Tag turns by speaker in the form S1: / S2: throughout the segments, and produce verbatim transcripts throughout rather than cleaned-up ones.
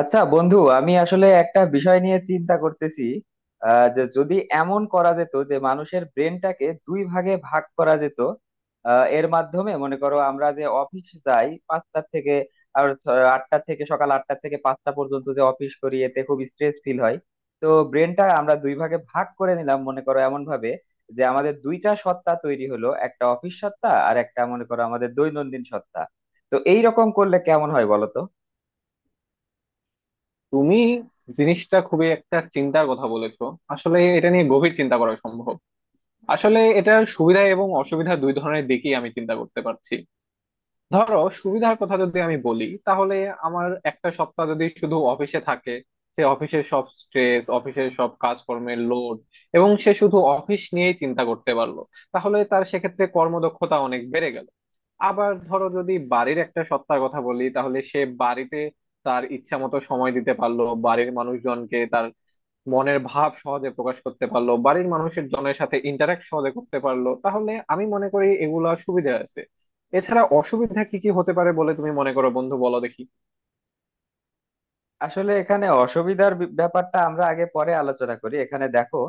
S1: আচ্ছা বন্ধু, আমি আসলে একটা বিষয় নিয়ে চিন্তা করতেছি আহ, যে যদি এমন করা যেত যে মানুষের ব্রেনটাকে দুই ভাগে ভাগ করা যেত। আহ, এর মাধ্যমে মনে করো আমরা যে অফিস যাই পাঁচটা থেকে, আর ছ- আটটা থেকে, সকাল আটটা থেকে পাঁচটা পর্যন্ত যে অফিস করি এতে খুব স্ট্রেস ফিল হয়। তো ব্রেনটা আমরা দুই ভাগে ভাগ করে নিলাম মনে করো, এমন ভাবে যে আমাদের দুইটা সত্তা তৈরি হলো, একটা অফিস সত্তা আর একটা মনে করো আমাদের দৈনন্দিন সত্তা। তো এইরকম করলে কেমন হয় বলো তো?
S2: তুমি জিনিসটা খুবই একটা চিন্তার কথা বলেছো। আসলে এটা নিয়ে গভীর চিন্তা করা সম্ভব। আসলে এটার সুবিধা এবং অসুবিধা দুই ধরনের দিকই আমি চিন্তা করতে পারছি। ধরো, সুবিধার কথা যদি আমি বলি, তাহলে আমার একটা সপ্তাহ যদি শুধু অফিসে থাকে, সে অফিসের সব স্ট্রেস, অফিসের সব কাজকর্মের লোড এবং সে শুধু অফিস নিয়েই চিন্তা করতে পারলো, তাহলে তার সেক্ষেত্রে কর্মদক্ষতা অনেক বেড়ে গেল। আবার ধরো, যদি বাড়ির একটা সত্তার কথা বলি, তাহলে সে বাড়িতে তার ইচ্ছা মতো সময় দিতে পারলো, বাড়ির মানুষজনকে তার মনের ভাব সহজে প্রকাশ করতে পারলো, বাড়ির মানুষের জনের সাথে ইন্টারাক্ট সহজে করতে পারলো। তাহলে আমি মনে করি এগুলা সুবিধা আছে। এছাড়া অসুবিধা কি কি হতে পারে বলে তুমি মনে করো, বন্ধু, বলো দেখি।
S1: আসলে এখানে অসুবিধার বি- ব্যাপারটা আমরা আগে পরে আলোচনা করি। এখানে দেখো,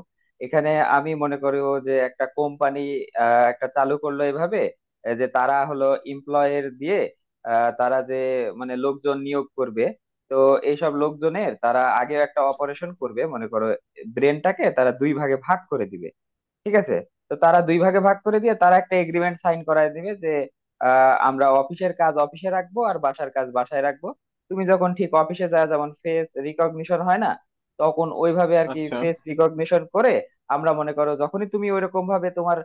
S1: এখানে আমি মনে করি ও যে একটা কোম্পানি একটা চালু করলো এভাবে, আহ, যে তারা হলো এমপ্লয়ের দিয়ে আহ, তারা যে মানে লোকজন নিয়োগ করবে। তো এইসব লোকজনের তারা আগে একটা অপারেশন করবে মনে করো, ব্রেনটাকে তারা দুই ভাগে ভাগ করে দিবে, ঠিক আছে। তো তারা দুই ভাগে ভাগ করে দিয়ে তারা একটা এগ্রিমেন্ট সাইন করায় দিবে যে আহ, আমরা অফিসের কাজ অফিসে রাখবো আর বাসার কাজ বাসায় রাখবো। তুমি যখন ঠিক অফিসে যায় যেমন ফেস রিকগনিশন হয় না, তখন ওইভাবে আর কি
S2: আচ্ছা।
S1: ফেস রিকগনিশন করে। আমরা মনে করো যখনই তুমি ওইরকম ভাবে তোমার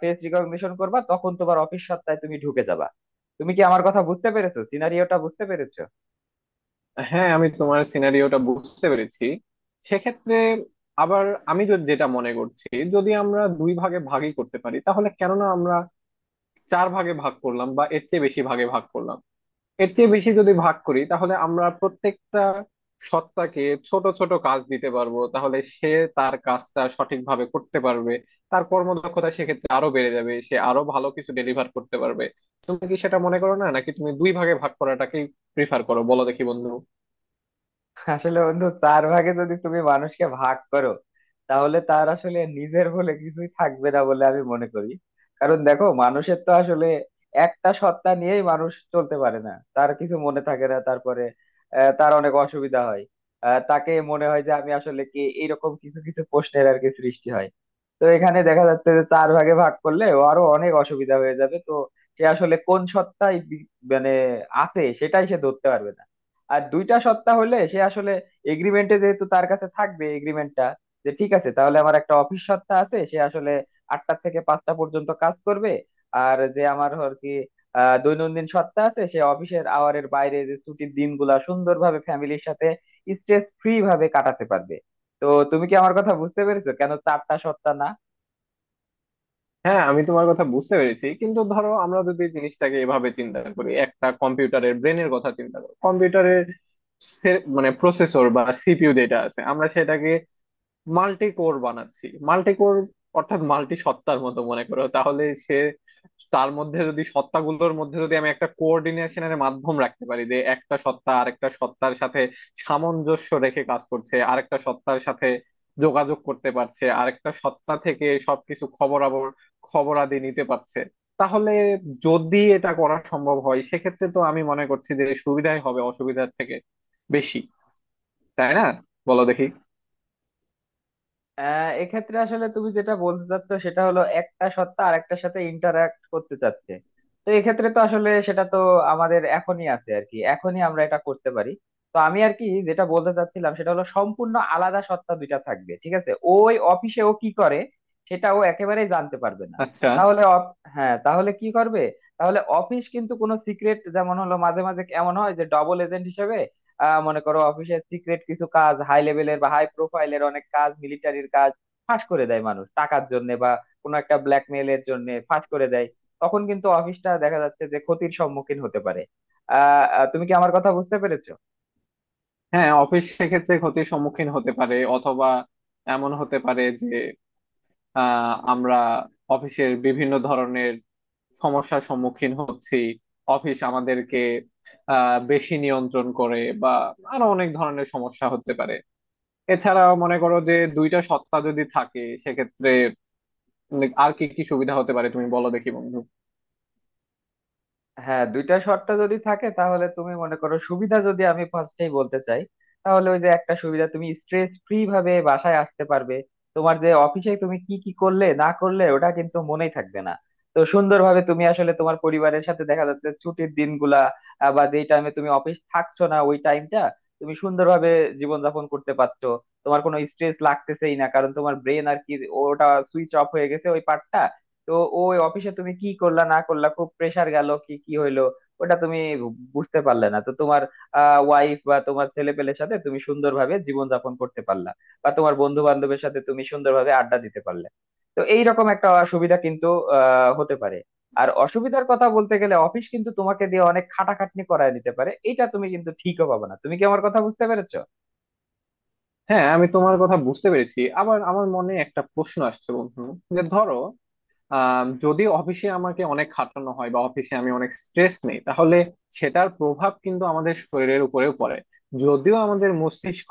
S1: ফেস রিকগনিশন করবা তখন তোমার অফিস সত্তায় তুমি ঢুকে যাবা। তুমি কি আমার কথা বুঝতে পেরেছো? সিনারিওটা বুঝতে পেরেছো?
S2: হ্যাঁ, আমি তোমার সিনারিওটা বুঝতে পেরেছি। সেক্ষেত্রে আবার আমি যদি যেটা মনে করছি, যদি আমরা দুই ভাগে ভাগই করতে পারি তাহলে কেননা আমরা চার ভাগে ভাগ করলাম বা এর চেয়ে বেশি ভাগে ভাগ করলাম, এর চেয়ে বেশি যদি ভাগ করি তাহলে আমরা প্রত্যেকটা সত্তাকে ছোট ছোট কাজ দিতে পারবো, তাহলে সে তার কাজটা সঠিকভাবে করতে পারবে। তার কর্মদক্ষতা সেক্ষেত্রে আরো বেড়ে যাবে, সে আরো ভালো কিছু ডেলিভার করতে পারবে। তুমি কি সেটা মনে করো না, নাকি তুমি দুই ভাগে ভাগ করাটাকেই প্রিফার করো, বলো দেখি বন্ধু।
S1: আসলে বন্ধু, চার ভাগে যদি তুমি মানুষকে ভাগ করো তাহলে তার আসলে নিজের বলে কিছুই থাকবে না বলে আমি মনে করি। কারণ দেখো, মানুষের তো আসলে একটা সত্তা নিয়েই মানুষ চলতে পারে না, তার কিছু মনে থাকে না। তারপরে আহ, তার অনেক অসুবিধা হয়। আহ, তাকে মনে হয় যে আমি আসলে কে, এরকম কিছু কিছু প্রশ্নের আর কি সৃষ্টি হয়। তো এখানে দেখা যাচ্ছে যে চার ভাগে ভাগ করলে ও আরো অনেক অসুবিধা হয়ে যাবে। তো সে আসলে কোন সত্তায় বি- মানে আছে সেটাই সে ধরতে পারবে না। আর দুইটা সপ্তাহ হলে সে আসলে এগ্রিমেন্টে যেহেতু তার কাছে থাকবে এগ্রিমেন্টটা, যে ঠিক আছে তাহলে আমার একটা অফিস সপ্তাহ আছে, সে আসলে আটটা থেকে পাঁচটা পর্যন্ত কাজ করবে। আর যে আমার আর কি আহ, দৈনন্দিন সপ্তাহ আছে সে অফিসের আওয়ারের বাইরে যে ছুটির দিনগুলা সুন্দরভাবে ফ্যামিলির সাথে স্ট্রেস ফ্রি ভাবে কাটাতে পারবে। তো তুমি কি আমার কথা বুঝতে পেরেছো কেন চারটা সপ্তাহ না?
S2: হ্যাঁ, আমি তোমার কথা বুঝতে পেরেছি, কিন্তু ধরো আমরা যদি জিনিসটাকে এভাবে চিন্তা করি, একটা কম্পিউটারের ব্রেনের কথা চিন্তা করো, কম্পিউটারের সে- মানে প্রসেসর বা সিপিইউ যেটা আছে, আমরা সেটাকে মাল্টি কোর বানাচ্ছি, মাল্টি কোর, অর্থাৎ মাল্টি সত্তার মতো, মনে করো। তাহলে সে তার মধ্যে যদি, সত্তাগুলোর মধ্যে যদি আমি একটা কোঅর্ডিনেশনের মাধ্যম রাখতে পারি, যে একটা সত্তা আরেকটা সত্তার সাথে সামঞ্জস্য রেখে কাজ করছে, আরেকটা সত্তার সাথে যোগাযোগ করতে পারছে, আরেকটা সত্তা থেকে সবকিছু খবরাবর খবরাদি নিতে পারছে, তাহলে যদি এটা করা সম্ভব হয় সেক্ষেত্রে তো আমি মনে করছি যে সুবিধাই হবে অসুবিধার থেকে বেশি। তাই না? বলো দেখি।
S1: আহ এক্ষেত্রে আসলে তুমি যেটা বলতে চাচ্ছ সেটা হলো একটা সত্তা আর একটার সাথে ইন্টারাক্ট করতে চাচ্ছে। তো এক্ষেত্রে তো আসলে সেটা তো আমাদের এখনই আছে আর কি, এখনই আমরা এটা করতে পারি। তো আমি আর কি যেটা বলতে চাচ্ছিলাম সেটা হলো সম্পূর্ণ আলাদা সত্তা দুইটা থাকবে, ঠিক আছে। ওই অফিসে ও কি করে সেটা ও একেবারেই জানতে পারবে না।
S2: আচ্ছা।
S1: তাহলে অফ- হ্যাঁ, তাহলে কি করবে? তাহলে অফিস কিন্তু কোনো সিক্রেট, যেমন হলো মাঝে মাঝে এমন হয় যে ডবল এজেন্ট হিসেবে আহ মনে করো অফিসের সিক্রেট কিছু কাজ, হাই লেভেলের বা হাই প্রোফাইলের অনেক কাজ, মিলিটারির কাজ ফাঁস করে দেয় মানুষ টাকার জন্য বা কোনো একটা ব্ল্যাকমেইলের জন্য ফাঁস করে দেয়। তখন কিন্তু অফিসটা দেখা যাচ্ছে যে ক্ষতির সম্মুখীন হতে পারে। আহ আহ, তুমি কি আমার কথা বুঝতে পেরেছো?
S2: হ্যাঁ, অফিস সেক্ষেত্রে ক্ষতির সম্মুখীন হতে পারে, অথবা এমন হতে পারে যে আহ, আমরা অফিসের বিভিন্ন ধরনের সমস্যার সম্মুখীন হচ্ছি, অফিস আমাদেরকে আহ, বেশি নিয়ন্ত্রণ করে, বা আরো অনেক ধরনের সমস্যা হতে পারে। এছাড়া মনে করো, যে দুইটা সত্তা যদি থাকে সেক্ষেত্রে উম, আর কি কি সুবিধা হতে পারে তুমি বলো দেখি বন্ধু।
S1: হ্যাঁ, দুইটা শর্ত যদি থাকে তাহলে তুমি মনে করো, সুবিধা যদি আমি ফার্স্টেই বলতে চাই তাহলে ওই যে একটা সুবিধা, তুমি স্ট্রেস ফ্রি ভাবে বাসায় আসতে পারবে। তোমার যে অফিসে তুমি কি কি করলে না করলে ওটা কিন্তু মনেই থাকবে না। তো সুন্দরভাবে তুমি আসলে তোমার পরিবারের সাথে দেখা যাচ্ছে ছুটির দিনগুলা, আহ, বা যেই টাইমে তুমি অফিস থাকছো না ওই টাইমটা তুমি সুন্দরভাবে জীবনযাপন করতে পারছো। তোমার কোনো স্ট্রেস লাগতেছেই না, কারণ তোমার ব্রেন আর কি ওটা সুইচ অফ হয়ে গেছে, ওই পার্টটা। তো ওই অফিসে তুমি কি করলা না করলা, খুব প্রেসার গেল, কি কি হইলো, ওটা তুমি বুঝতে পারলে না। তো তোমার আহ ওয়াইফ বা তোমার ছেলে পেলের সাথে তুমি সুন্দরভাবে জীবনযাপন করতে পারলা, বা তোমার বন্ধু বান্ধবের সাথে তুমি সুন্দরভাবে আড্ডা দিতে পারলে। তো এইরকম একটা অসুবিধা কিন্তু আহ হতে পারে। আর অসুবিধার কথা বলতে গেলে, অফিস কিন্তু তোমাকে দিয়ে অনেক খাটাখাটনি করায় দিতে পারে, এটা তুমি কিন্তু ঠিকও পাবে না। তুমি কি আমার কথা বুঝতে পেরেছো?
S2: হ্যাঁ, আমি তোমার কথা বুঝতে পেরেছি। আবার আমার মনে একটা প্রশ্ন আসছে বন্ধু, যে ধরো, আম, যদি অফিসে আমাকে অনেক খাটানো হয় বা অফিসে আমি অনেক স্ট্রেস নেই, তাহলে সেটার প্রভাব কিন্তু আমাদের শরীরের উপরেও পড়ে। যদিও আমাদের মস্তিষ্ক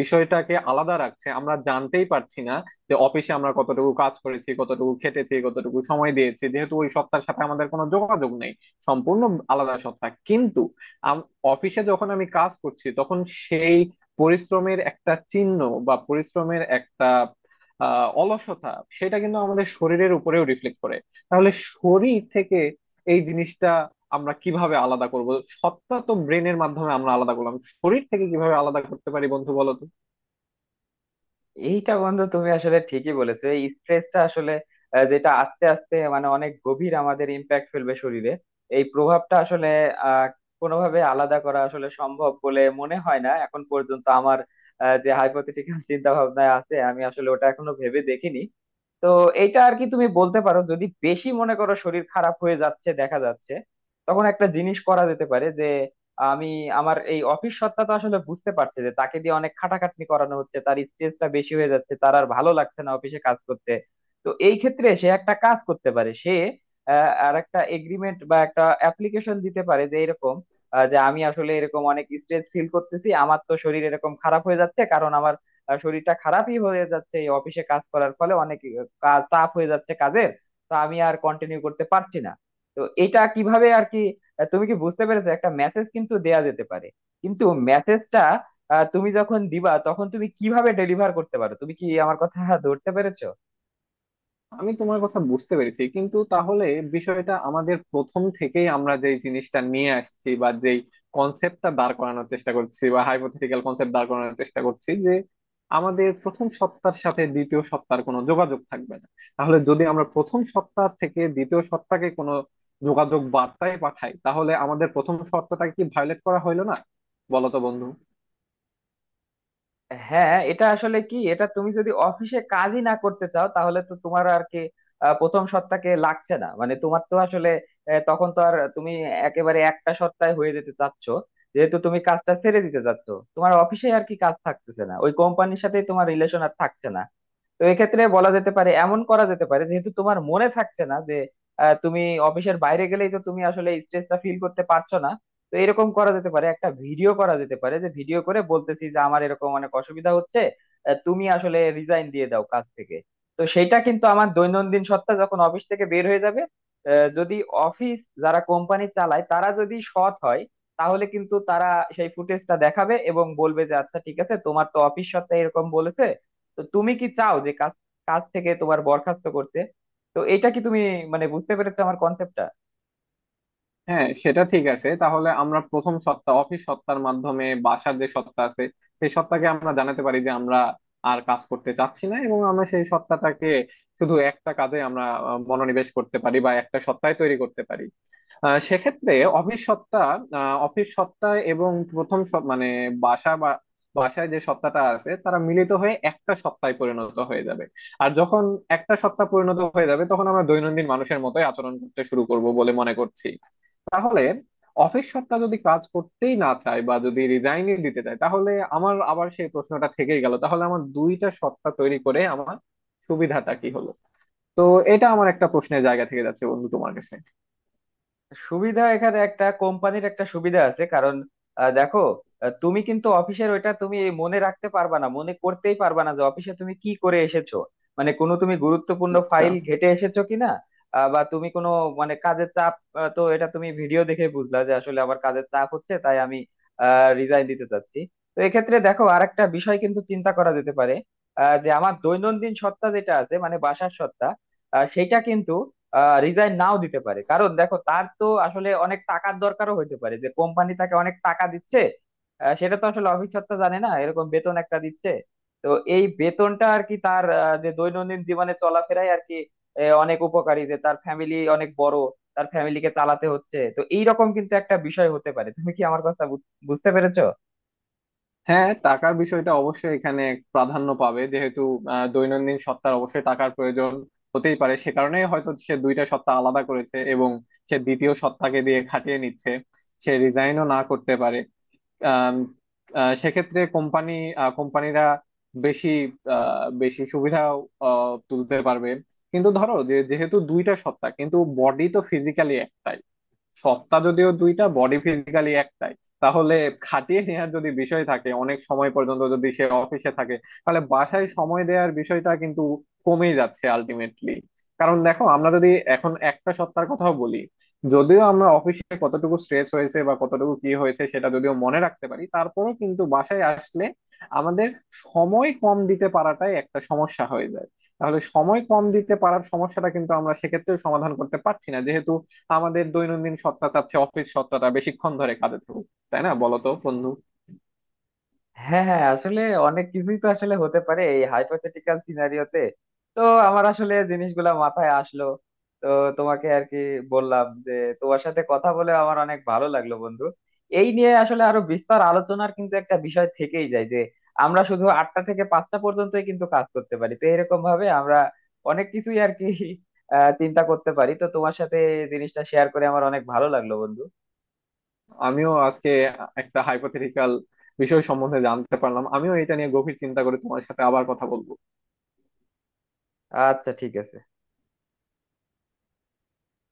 S2: বিষয়টাকে আলাদা রাখছে, আমরা জানতেই পারছি না যে অফিসে আমরা কতটুকু কাজ করেছি, কতটুকু খেটেছি, কতটুকু সময় দিয়েছি, যেহেতু ওই সত্তার সাথে আমাদের কোনো যোগাযোগ নেই। সম্পূর্ণ আলাদা সত্তা। কিন্তু আম- অফিসে যখন আমি কাজ করছি তখন সেই পরিশ্রমের একটা চিহ্ন, বা পরিশ্রমের একটা আহ অলসতা, সেটা কিন্তু আমাদের শরীরের উপরেও রিফ্লেক্ট করে। তাহলে শরীর থেকে এই জিনিসটা আমরা কিভাবে আলাদা করব? সত্তা তো ব্রেনের মাধ্যমে আমরা আলাদা করলাম, শরীর থেকে কিভাবে আলাদা করতে পারি বন্ধু, বলো তো।
S1: এইটা বন্ধু তুমি আসলে ঠিকই বলেছো, এই স্ট্রেসটা আসলে আহ, যেটা আস্তে আস্তে মানে অনেক গভীর আমাদের ইম্প্যাক্ট ফেলবে শরীরে। এই প্রভাবটা আসলে আহ কোনোভাবে আলাদা করা আসলে সম্ভব বলে মনে হয় না এখন পর্যন্ত আমার। আহ, যে হাইপোথেটিক্যাল চিন্তা ভাবনায় আছে আমি আসলে ওটা এখনো ভেবে দেখিনি। তো এইটা আর কি তুমি বলতে পারো, যদি বেশি মনে করো শরীর খারাপ হয়ে যাচ্ছে দেখা যাচ্ছে, তখন একটা জিনিস করা যেতে পারে যে আমি আমার এই অফিস সত্তা তো আসলে বুঝতে পারছে যে তাকে দিয়ে অনেক খাটাখাটনি করানো হচ্ছে, তার স্ট্রেসটা বেশি হয়ে যাচ্ছে, তার আর ভালো লাগছে না অফিসে কাজ করতে। তো এই ক্ষেত্রে সে একটা কাজ করতে পারে, সে আহ, আর একটা এগ্রিমেন্ট বা একটা অ্যাপ্লিকেশন দিতে পারে যে এরকম আহ, যে আমি আসলে এরকম অনেক স্ট্রেস ফিল করতেছি, আমার তো শরীর এরকম খারাপ হয়ে যাচ্ছে, কারণ আমার আহ, শরীরটা খারাপই হয়ে যাচ্ছে এই অফিসে কাজ করার ফলে, অনেক আহ, কাজ চাপ হয়ে যাচ্ছে কাজের, তো আমি আর কন্টিনিউ করতে পারছি না। তো এটা কিভাবে আর কি, আহ তুমি কি বুঝতে পেরেছো, একটা মেসেজ কিন্তু দেয়া যেতে পারে। কিন্তু মেসেজটা তুমি যখন দিবা তখন তুমি কিভাবে ডেলিভার করতে পারো? তুমি কি আমার কথা ধরতে পেরেছো?
S2: আমি তোমার কথা বুঝতে পেরেছি, কিন্তু তাহলে বিষয়টা আমাদের প্রথম থেকেই আমরা যেই জিনিসটা নিয়ে আসছি, বা যেই কনসেপ্টটা দাঁড় করানোর চেষ্টা করছি, বা হাইপোথেটিক্যাল কনসেপ্ট দাঁড় করানোর চেষ্টা করছি, যে আমাদের প্রথম সপ্তাহের সাথে দ্বিতীয় সপ্তাহের কোনো যোগাযোগ থাকবে না। তাহলে যদি আমরা প্রথম সপ্তাহ থেকে দ্বিতীয় সপ্তাহে কোনো যোগাযোগ বার্তায় পাঠাই, তাহলে আমাদের প্রথম সপ্তাহটাকে কি ভায়োলেট করা হইলো না, বলো তো বন্ধু।
S1: হ্যাঁ এটা আসলে কি, এটা তুমি যদি অফিসে কাজই না করতে চাও তাহলে তো তোমার আর কি আহ, প্রথম সপ্তাহে লাগছে না, মানে তোমার তো আসলে আহ, তখন তো আর তুমি একেবারে একটা সপ্তাহে হয়ে যেতে চাচ্ছ, যেহেতু তুমি কাজটা ছেড়ে দিতে চাচ্ছ, তোমার অফিসে আর কি কাজ থাকতেছে না, ওই কোম্পানির সাথেই তোমার রিলেশন আর থাকছে না। তো এক্ষেত্রে বলা যেতে পারে, এমন করা যেতে পারে, যেহেতু তোমার মনে থাকছে না যে আহ, তুমি অফিসের বাইরে গেলেই তো তুমি আসলে স্ট্রেসটা ফিল করতে পারছো না। তো এরকম করা যেতে পারে একটা ভিডিও করা যেতে পারে, যে ভিডিও করে বলতেছি যে আমার এরকম অনেক অসুবিধা হচ্ছে, আহ, তুমি আসলে রিজাইন দিয়ে দাও কাজ থেকে। তো সেটা কিন্তু আমার দৈনন্দিন সত্তা যখন অফিস থেকে বের হয়ে যাবে, আহ, যদি অফিস যারা কোম্পানি চালায় তারা যদি সৎ হয় তাহলে কিন্তু তারা সেই ফুটেজটা দেখাবে এবং বলবে যে আচ্ছা ঠিক আছে, তোমার তো অফিস সত্তা এরকম বলেছে। তো তুমি কি চাও যে কাজ কাজ থেকে তোমার বরখাস্ত করতে? তো এটা কি তুমি মানে বুঝতে পেরেছো আমার কনসেপ্টটা?
S2: হ্যাঁ, সেটা ঠিক আছে। তাহলে আমরা প্রথম সত্তা অফিস সত্তার মাধ্যমে বাসার যে সত্তা আছে সেই সত্তাকে আমরা জানাতে পারি যে আমরা আর কাজ করতে চাচ্ছি না, এবং আমরা সেই সত্তাটাকে শুধু একটা কাজে আমরা আহ, মনোনিবেশ করতে পারি, বা একটা সত্তায় তৈরি করতে পারি। আহ, সেক্ষেত্রে অফিস সত্তা আহ, অফিস সত্তা এবং প্রথম সত- মানে বাসা, বা বাসায় যে সত্তাটা আছে, তারা মিলিত হয়ে একটা সত্তায় পরিণত হয়ে যাবে। আর যখন একটা সত্তা পরিণত হয়ে যাবে তখন আমরা দৈনন্দিন মানুষের মতোই আচরণ করতে শুরু করব বলে মনে করছি। তাহলে অফিস সত্তা যদি কাজ করতেই না চায়, বা যদি রিজাইনই দিতে চায়, তাহলে আমার আবার সেই প্রশ্নটা থেকেই গেল, তাহলে আমার দুইটা সত্তা তৈরি করে আমার সুবিধাটা কি হলো? তো এটা আমার একটা প্রশ্নের জায়গা থেকে যাচ্ছে বন্ধু তোমার কাছে।
S1: সুবিধা এখানে একটা কোম্পানির একটা সুবিধা আছে, কারণ আহ, দেখো আহ, তুমি কিন্তু অফিসের ওইটা তুমি মনে রাখতে পারবা না, মনে করতেই পারবা না যে অফিসে তুমি কি করে এসেছো, মানে কোনো তুমি গুরুত্বপূর্ণ
S2: আচ্ছা।
S1: ফাইল ঘেটে এসেছো কিনা, আহ, বা তুমি কোনো, মানে কাজের চাপ, আহ, তো এটা তুমি ভিডিও দেখে বুঝলা যে আসলে আমার কাজের চাপ হচ্ছে, তাই আমি রিজাইন দিতে চাচ্ছি। তো এক্ষেত্রে দেখো আরেকটা বিষয় কিন্তু চিন্তা করা যেতে পারে, আহ, যে আমার দৈনন্দিন সত্তা যেটা আছে মানে বাসার সত্তা, আহ, সেটা কিন্তু রিজাইন নাও দিতে পারে। কারণ দেখো তার তো আসলে অনেক টাকার দরকারও হইতে পারে, যে কোম্পানি তাকে অনেক টাকা দিচ্ছে, আহ, সেটা তো আসলে অফিস সত্ত্বা জানে না এরকম বেতন একটা দিচ্ছে। তো এই বেতনটা আর কি তার আহ, যে দৈনন্দিন জীবনে চলাফেরায় আর কি আহ, অনেক উপকারী, যে তার ফ্যামিলি অনেক বড়, তার ফ্যামিলিকে চালাতে হচ্ছে। তো এইরকম কিন্তু একটা বিষয় হতে পারে। তুমি কি আমার কথা বুঝ- বুঝতে পেরেছো?
S2: হ্যাঁ, টাকার বিষয়টা অবশ্যই এখানে প্রাধান্য পাবে, যেহেতু আহ, দৈনন্দিন সত্তার অবশ্যই টাকার প্রয়োজন হতেই পারে। সে কারণেই হয়তো সে দুইটা সত্তা আলাদা করেছে এবং সে দ্বিতীয় সত্তাকে দিয়ে খাটিয়ে নিচ্ছে। সে রিজাইনও না করতে পারে। আম, আহ, সেক্ষেত্রে কোম্পানি কোম্পানিরা বেশি, আহ, বেশি সুবিধা তুলতে পারবে। কিন্তু ধরো যে, যেহেতু দুইটা সত্তা কিন্তু বডি তো ফিজিক্যালি একটাই, সত্তা যদিও দুইটা বডি ফিজিক্যালি একটাই, তাহলে খাটিয়ে নেওয়ার যদি বিষয় থাকে, অনেক সময় পর্যন্ত যদি সে অফিসে থাকে, তাহলে বাসায় সময় দেওয়ার বিষয়টা কিন্তু কমে যাচ্ছে আলটিমেটলি। কারণ দেখো, আমরা যদি এখন একটা সত্তার কথাও বলি, যদিও আমরা অফিসে কতটুকু স্ট্রেস হয়েছে বা কতটুকু কি হয়েছে সেটা যদিও মনে রাখতে পারি, তারপরেও কিন্তু বাসায় আসলে আমাদের সময় কম দিতে পারাটাই একটা সমস্যা হয়ে যায়। তাহলে সময় কম দিতে পারার সমস্যাটা কিন্তু আমরা সেক্ষেত্রেও সমাধান করতে পারছি না, যেহেতু আমাদের দৈনন্দিন সত্তা চাচ্ছে অফিস সত্তাটা বেশিক্ষণ ধরে কাজে থাকুক। তাই না, বলো তো বন্ধু।
S1: হ্যাঁ, হ্যাঁ, আসলে অনেক কিছুই তো আসলে হতে পারে এই হাইপোথেটিক্যাল সিনারিওতে। তো আমার আসলে জিনিসগুলা মাথায় আসলো, তো তোমাকে আর কি বললাম যে তোমার সাথে কথা বলে আমার অনেক ভালো লাগলো বন্ধু। এই নিয়ে আসলে আরো বিস্তর আলোচনার কিন্তু একটা বিষয় থেকেই যায়, যে আমরা শুধু আটটা থেকে পাঁচটা পর্যন্তই কিন্তু কাজ করতে পারি। তো এরকম ভাবে আমরা অনেক কিছুই আর কি আহ চিন্তা করতে পারি। তো তোমার সাথে এই জিনিসটা শেয়ার করে আমার অনেক ভালো লাগলো বন্ধু।
S2: আমিও আজকে একটা হাইপোথেটিক্যাল বিষয় সম্বন্ধে জানতে পারলাম। আমিও এটা নিয়ে গভীর চিন্তা করে তোমার সাথে আবার কথা বলবো।
S1: আচ্ছা, ঠিক আছে।